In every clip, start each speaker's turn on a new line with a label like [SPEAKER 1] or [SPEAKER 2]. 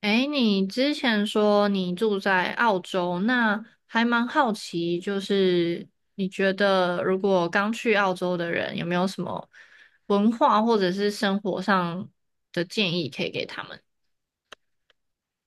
[SPEAKER 1] 诶，你之前说你住在澳洲，那还蛮好奇，就是你觉得如果刚去澳洲的人有没有什么文化或者是生活上的建议可以给他们？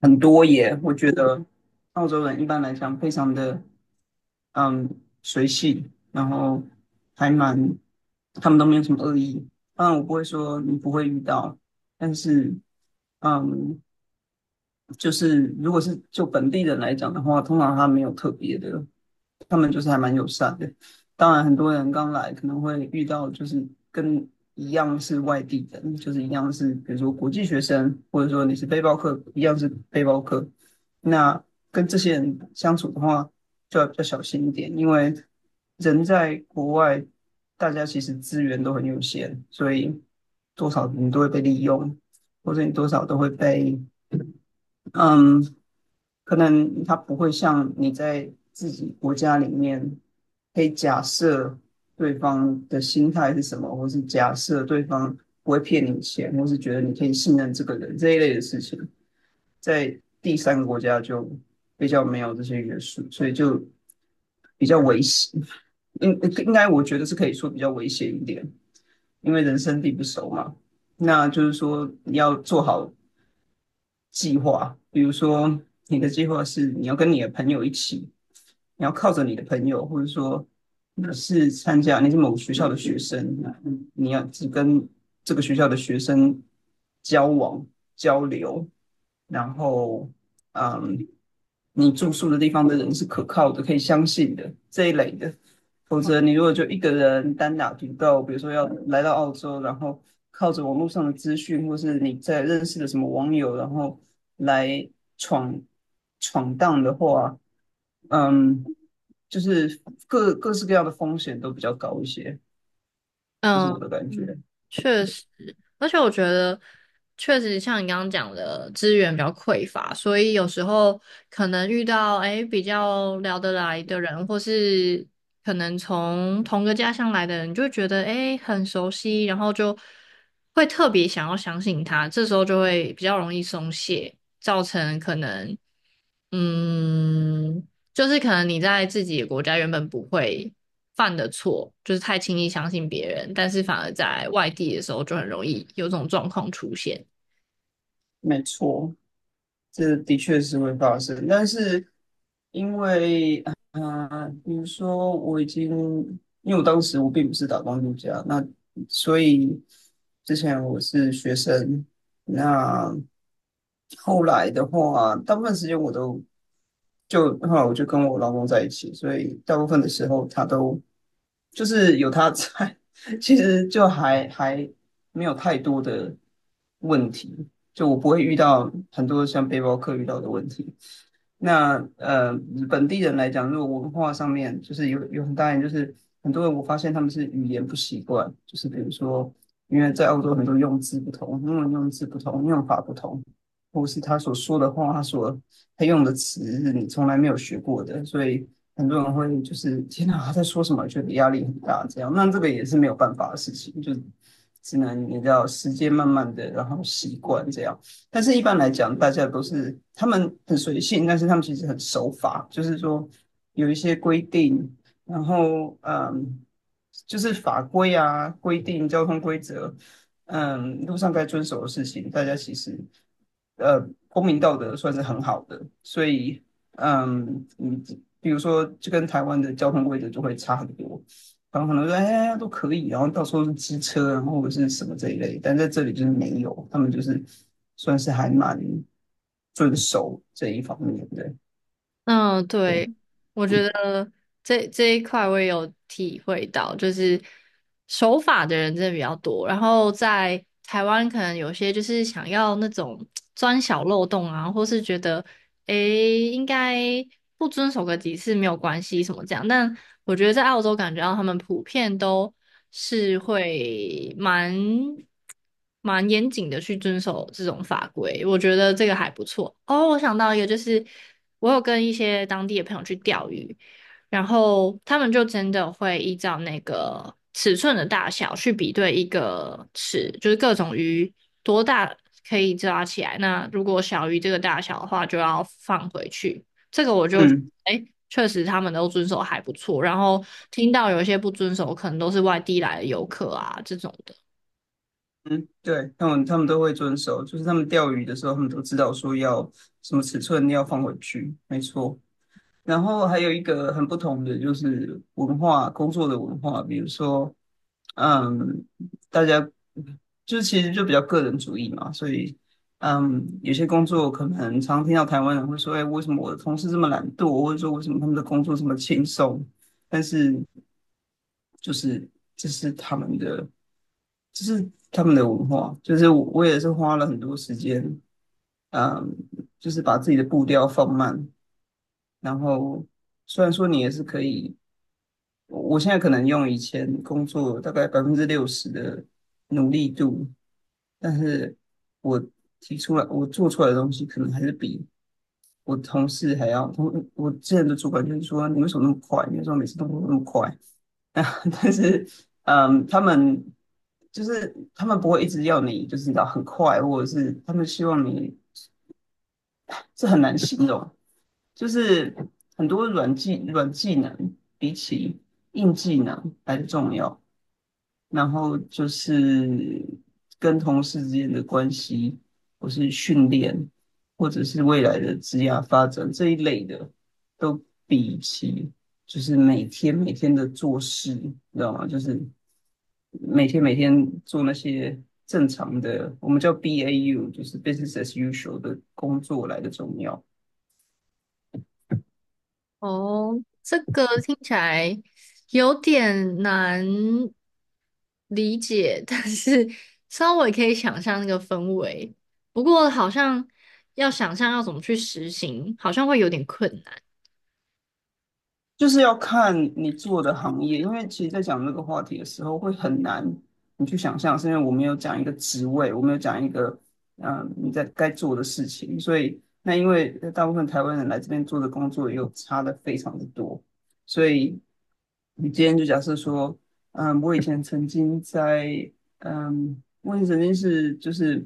[SPEAKER 2] 很多耶，我觉得澳洲人一般来讲非常的嗯随性，然后还蛮他们都没有什么恶意。当然我不会说你不会遇到，但是嗯就是如果是就本地人来讲的话，通常他没有特别的，他们就是还蛮友善的。当然，很多人刚来可能会遇到就是跟一样是外地人，就是一样是比如说国际学生，或者说你是背包客，一样是背包客。那跟这些人相处的话，就要比较小心一点，因为人在国外，大家其实资源都很有限，所以多少你都会被利用，或者你多少都会被嗯。可能他不会像你在自己国家里面可以假设对方的心态是什么，或是假设对方不会骗你钱，或是觉得你可以信任这个人这一类的事情，在第三个国家就比较没有这些约束，所以就比较危险。应应该我觉得是可以说比较危险一点，因为人生地不熟嘛。那就是说，你要做好计划，比如说你的计划是你要跟你的朋友一起，你要靠着你的朋友，或者说你是参加你是某学校的学生，你要只跟这个学校的学生交往交流，然后嗯，你住宿的地方的人是可靠的，可以相信的这一类的。否则你如果就一个人单打独斗，比如说要来到澳洲，然后靠着网络上的资讯，或是你在认识的什么网友，然后来闯闯荡的话，嗯，就是各式各样的风险都比较高一些，这是我
[SPEAKER 1] 嗯。
[SPEAKER 2] 的感觉。
[SPEAKER 1] 确实，而且我觉得确实像你刚刚讲的，资源比较匮乏，所以有时候可能遇到诶比较聊得来的人，或是可能从同个家乡来的人，就会觉得诶很熟悉，然后就会特别想要相信他，这时候就会比较容易松懈，造成可能嗯。就是可能你在自己的国家原本不会犯的错，就是太轻易相信别人，但是反而在外地的时候就很容易有这种状况出现。
[SPEAKER 2] 没错，这的确是会发生，但是因为啊，比如说我已经，因为我当时我并不是打工度假，那所以之前我是学生，那后来的话，大部分时间我都就后来我就跟我老公在一起，所以大部分的时候他都就是有他在，其实就还没有太多的问题。就我不会遇到很多像背包客遇到的问题。那本地人来讲，如果文化上面就是有很大一点，就是很多人我发现他们是语言不习惯，就是比如说，因为在澳洲很多用字不同，英文用字不同，用法不同，或是他所说的话，他用的词是你从来没有学过的，所以很多人会就是天哪，他在说什么，觉得压力很大，这样。那这个也是没有办法的事情，就只能你知道时间慢慢的，然后习惯这样。但是一般来讲，大家都是他们很随性，但是他们其实很守法，就是说有一些规定，然后就是法规啊、规定、交通规则，路上该遵守的事情，大家其实呃公民道德算是很好的，所以你比如说就跟台湾的交通规则就会差很多，然后可能说哎都可以，然后到时候是机车啊，然后或者是什么这一类，但在这里就是没有，他们就是算是还蛮遵守这一方面的，
[SPEAKER 1] 嗯，对，我觉得这一块我也有体会到，就是守法的人真的比较多，然后在台湾可能有些就是想要那种 钻小漏洞啊，或是觉得诶应该不遵守个几次没有关系什么这样，但我觉得在澳洲感觉到他们普遍都是会蛮严谨的去遵守这种法规，我觉得这个还不错。哦，我想到一个，就是我有跟一些当地的朋友去钓鱼，然后他们就真的会依照那个尺寸的大小去比对一个尺，就是各种鱼多大可以抓起来。那如果小于这个大小的话，就要放回去。这个我就
[SPEAKER 2] 嗯。
[SPEAKER 1] 哎，确实他们都遵守还不错。然后听到有一些不遵守，可能都是外地来的游客啊这种的。
[SPEAKER 2] 嗯，对，他们都会遵守，就是他们钓鱼的时候，他们都知道说要什么尺寸要放回去，没错。然后还有一个很不同的就是文化，工作的文化，比如说，嗯，大家就其实就比较个人主义嘛，所以，有些工作可能常听到台湾人会说，哎，为什么我的同事这么懒惰，或者说为什么他们的工作这么轻松？但是就是这是他们的，这是他们的文化，就是我也是花了很多时间，嗯，就是把自己的步调放慢，然后虽然说你也是可以。我现在可能用以前工作大概60%的努力度，但是我提出来我做出来的东西，可能还是比我同事还要同我之前的主管就是说你为什么那么快？你为什么每次动作那么快？啊，但是他们就是他们不会一直要你就是你知道很快，或者是他们希望你是很难形容。就是很多软技能比起硬技能来的重要。然后就是跟同事之间的关系，或是训练，或者是未来的职业发展这一类的，都比起就是每天每天的做事，你知道吗？就是每天每天做那些正常的，我们叫 BAU，就是 business as usual 的工作来的重要。
[SPEAKER 1] 哦，这个听起来有点难理解，但是稍微可以想象那个氛围。不过好像要想象要怎么去实行，好像会有点困难。
[SPEAKER 2] 就是要看你做的行业，因为其实，在讲这个话题的时候，会很难你去想象，是因为我没有讲一个职位，我没有讲一个你在该做的事情，所以那因为大部分台湾人来这边做的工作又差的非常的多，所以你今天就假设说，我以前曾经在我以前曾经是就是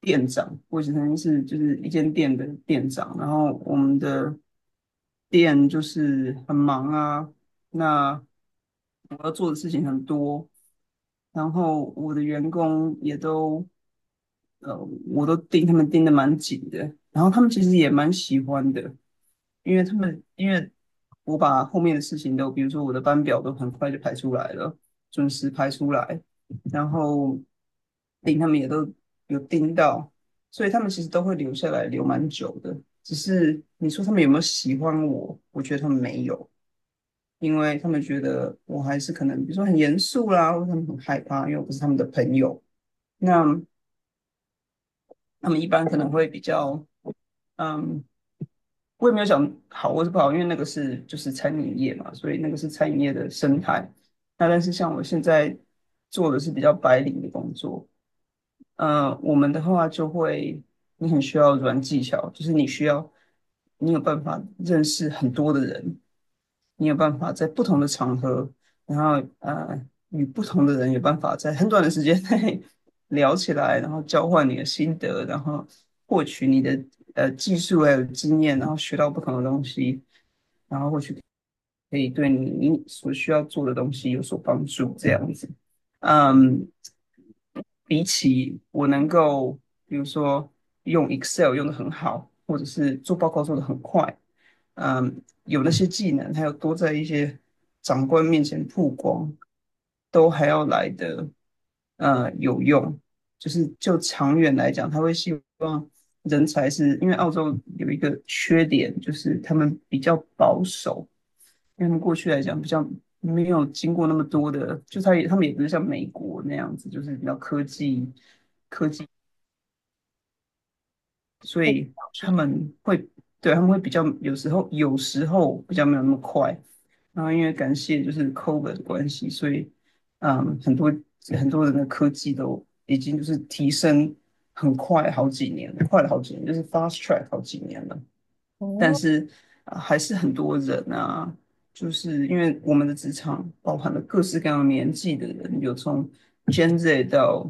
[SPEAKER 2] 店长，我以前曾经是就是一间店的店长，然后我们的店就是很忙啊，那我要做的事情很多，然后我的员工也都呃，我都盯他们盯的蛮紧的，然后他们其实也蛮喜欢的，因为他们因为我把后面的事情都，比如说我的班表都很快就排出来了，准时排出来，然后令他们也都有盯到，所以他们其实都会留下来，留蛮久的。只是你说他们有没有喜欢我？我觉得他们没有，因为他们觉得我还是可能，比如说很严肃啦，或者他们很害怕，因为我不是他们的朋友。那他们一般可能会比较，嗯。我也没有想好或是不好，因为那个是就是餐饮业嘛，所以那个是餐饮业的生态。那但是像我现在做的是比较白领的工作，我们的话就会，你很需要软技巧，就是你需要，你有办法认识很多的人，你有办法在不同的场合，然后与不同的人有办法在很短的时间内 聊起来，然后交换你的心得，然后获取你的技术还有经验，然后学到不同的东西。然后。可以对你所需要做的东西有所帮助，这样子。嗯，比起我能够，比如说用 Excel 用的很好，或者是做报告做的很快，有那些技能，还有多在一些长官面前曝光，都还要来的有用。就是就长远来讲，他会希望人才是因为澳洲有一个缺点，就是他们比较保守，因为他们过去来讲比较没有经过那么多的，就他也他们也不是像美国那样子，就是比较科技，所以
[SPEAKER 1] 好
[SPEAKER 2] 他
[SPEAKER 1] 像，
[SPEAKER 2] 们会对他们会比较有时候比较没有那么快。然后因为感谢就是 COVID 的关系，所以嗯，很多很多人的科技都已经就是提升很快好几年了快了好几年，就是 fast track 好几年了。但
[SPEAKER 1] 哦，
[SPEAKER 2] 是还是很多人啊，就是因为我们的职场包含了各式各样的年纪的人，有从 Gen Z 到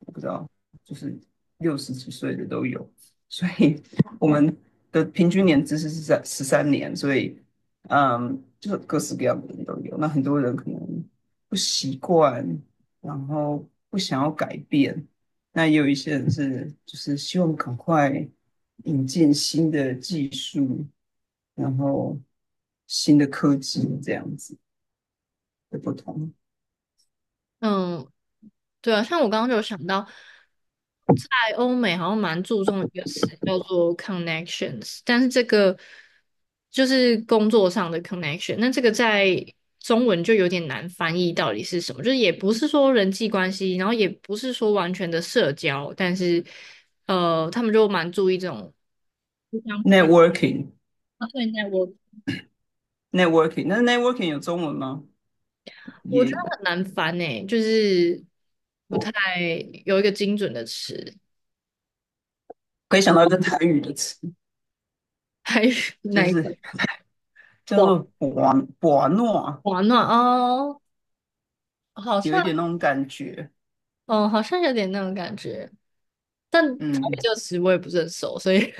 [SPEAKER 2] 我不知道，就是60几岁的都有，所以我们的平均年资是在33年，所以就是各式各样的人都有。那很多人可能不习惯，然后不想要改变，那也有一些人是就是希望赶快。引进新的技术，然后新的科技这样子的不同。
[SPEAKER 1] 嗯，对啊，像我刚刚就有想到，在欧美好像蛮注重一个词叫做 connections，但是这个就是工作上的 connection，那这个在中文就有点难翻译到底是什么，就是也不是说人际关系，然后也不是说完全的社交，但是他们就蛮注意这种互相对
[SPEAKER 2] networking
[SPEAKER 1] 待。我
[SPEAKER 2] networking，那 networking 有中文吗？
[SPEAKER 1] 我觉
[SPEAKER 2] 也
[SPEAKER 1] 得很难翻诶，就是不太有一个精准的词，
[SPEAKER 2] 可以想到一个台语的词，
[SPEAKER 1] 还是
[SPEAKER 2] 就
[SPEAKER 1] 哪一
[SPEAKER 2] 是
[SPEAKER 1] 个？
[SPEAKER 2] 叫做“博诺”，
[SPEAKER 1] 暖暖哦，好
[SPEAKER 2] 有一
[SPEAKER 1] 像，
[SPEAKER 2] 点那种感觉。
[SPEAKER 1] 嗯，好像有点那种感觉，但台语这
[SPEAKER 2] 嗯，
[SPEAKER 1] 个词我也不是很熟，所以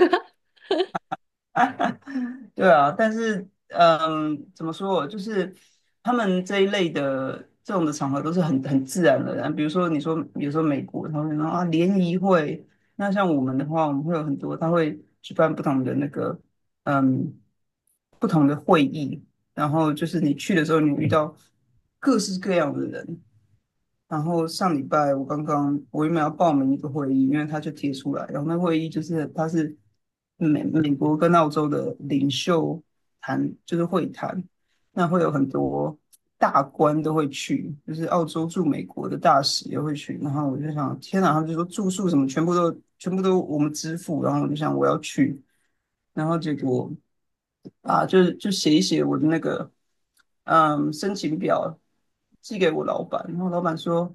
[SPEAKER 2] 对啊，但是怎么说哦，就是他们这一类的这种的场合都是很自然而然。比如说你说，比如说美国，他们说啊联谊会，那像我们的话，我们会有很多，他会举办不同的那个嗯不同的会议，然后就是你去的时候，你遇到各式各样的人，然后上礼拜我刚刚我原本要报名一个会议，因为他就贴出来，然后那会议就是他是美国跟澳洲的领袖谈，就是会谈，那会有很多大官都会去，就是澳洲驻美国的大使也会去。然后我就想，天哪！他们就说住宿什么全部都我们支付。然后我就想我要去，然后结果啊，就是就写一写我的那个申请表，寄给我老板。然后老板说。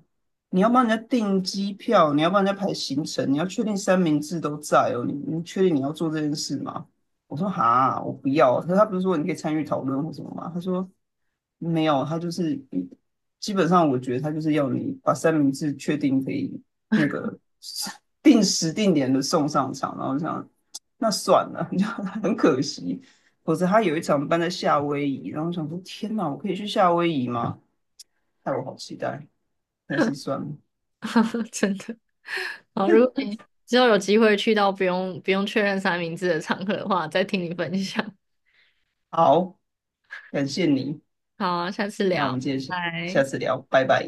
[SPEAKER 2] 你要帮人家订机票，你要帮人家排行程，你要确定三明治都在哦。你你确定你要做这件事吗？我说哈，我不要。可是他不是说你可以参与讨论或什么吗？他说没有，他就是基本上我觉得他就是要你把三明治确定可以那个定时定点的送上场，然后这样那算了，你知道很可惜。否则他有一场办在夏威夷，然后我想说天哪，我可以去夏威夷吗？害我好期待，但是算了。
[SPEAKER 1] 真的，好，如果你之后有机会去到不用不用确认三明治的场合的话，再听你分享。
[SPEAKER 2] 好，感谢你，
[SPEAKER 1] 好啊，下次
[SPEAKER 2] 那我
[SPEAKER 1] 聊，
[SPEAKER 2] 们
[SPEAKER 1] 拜
[SPEAKER 2] 接着下下
[SPEAKER 1] 拜。
[SPEAKER 2] 次聊，拜拜。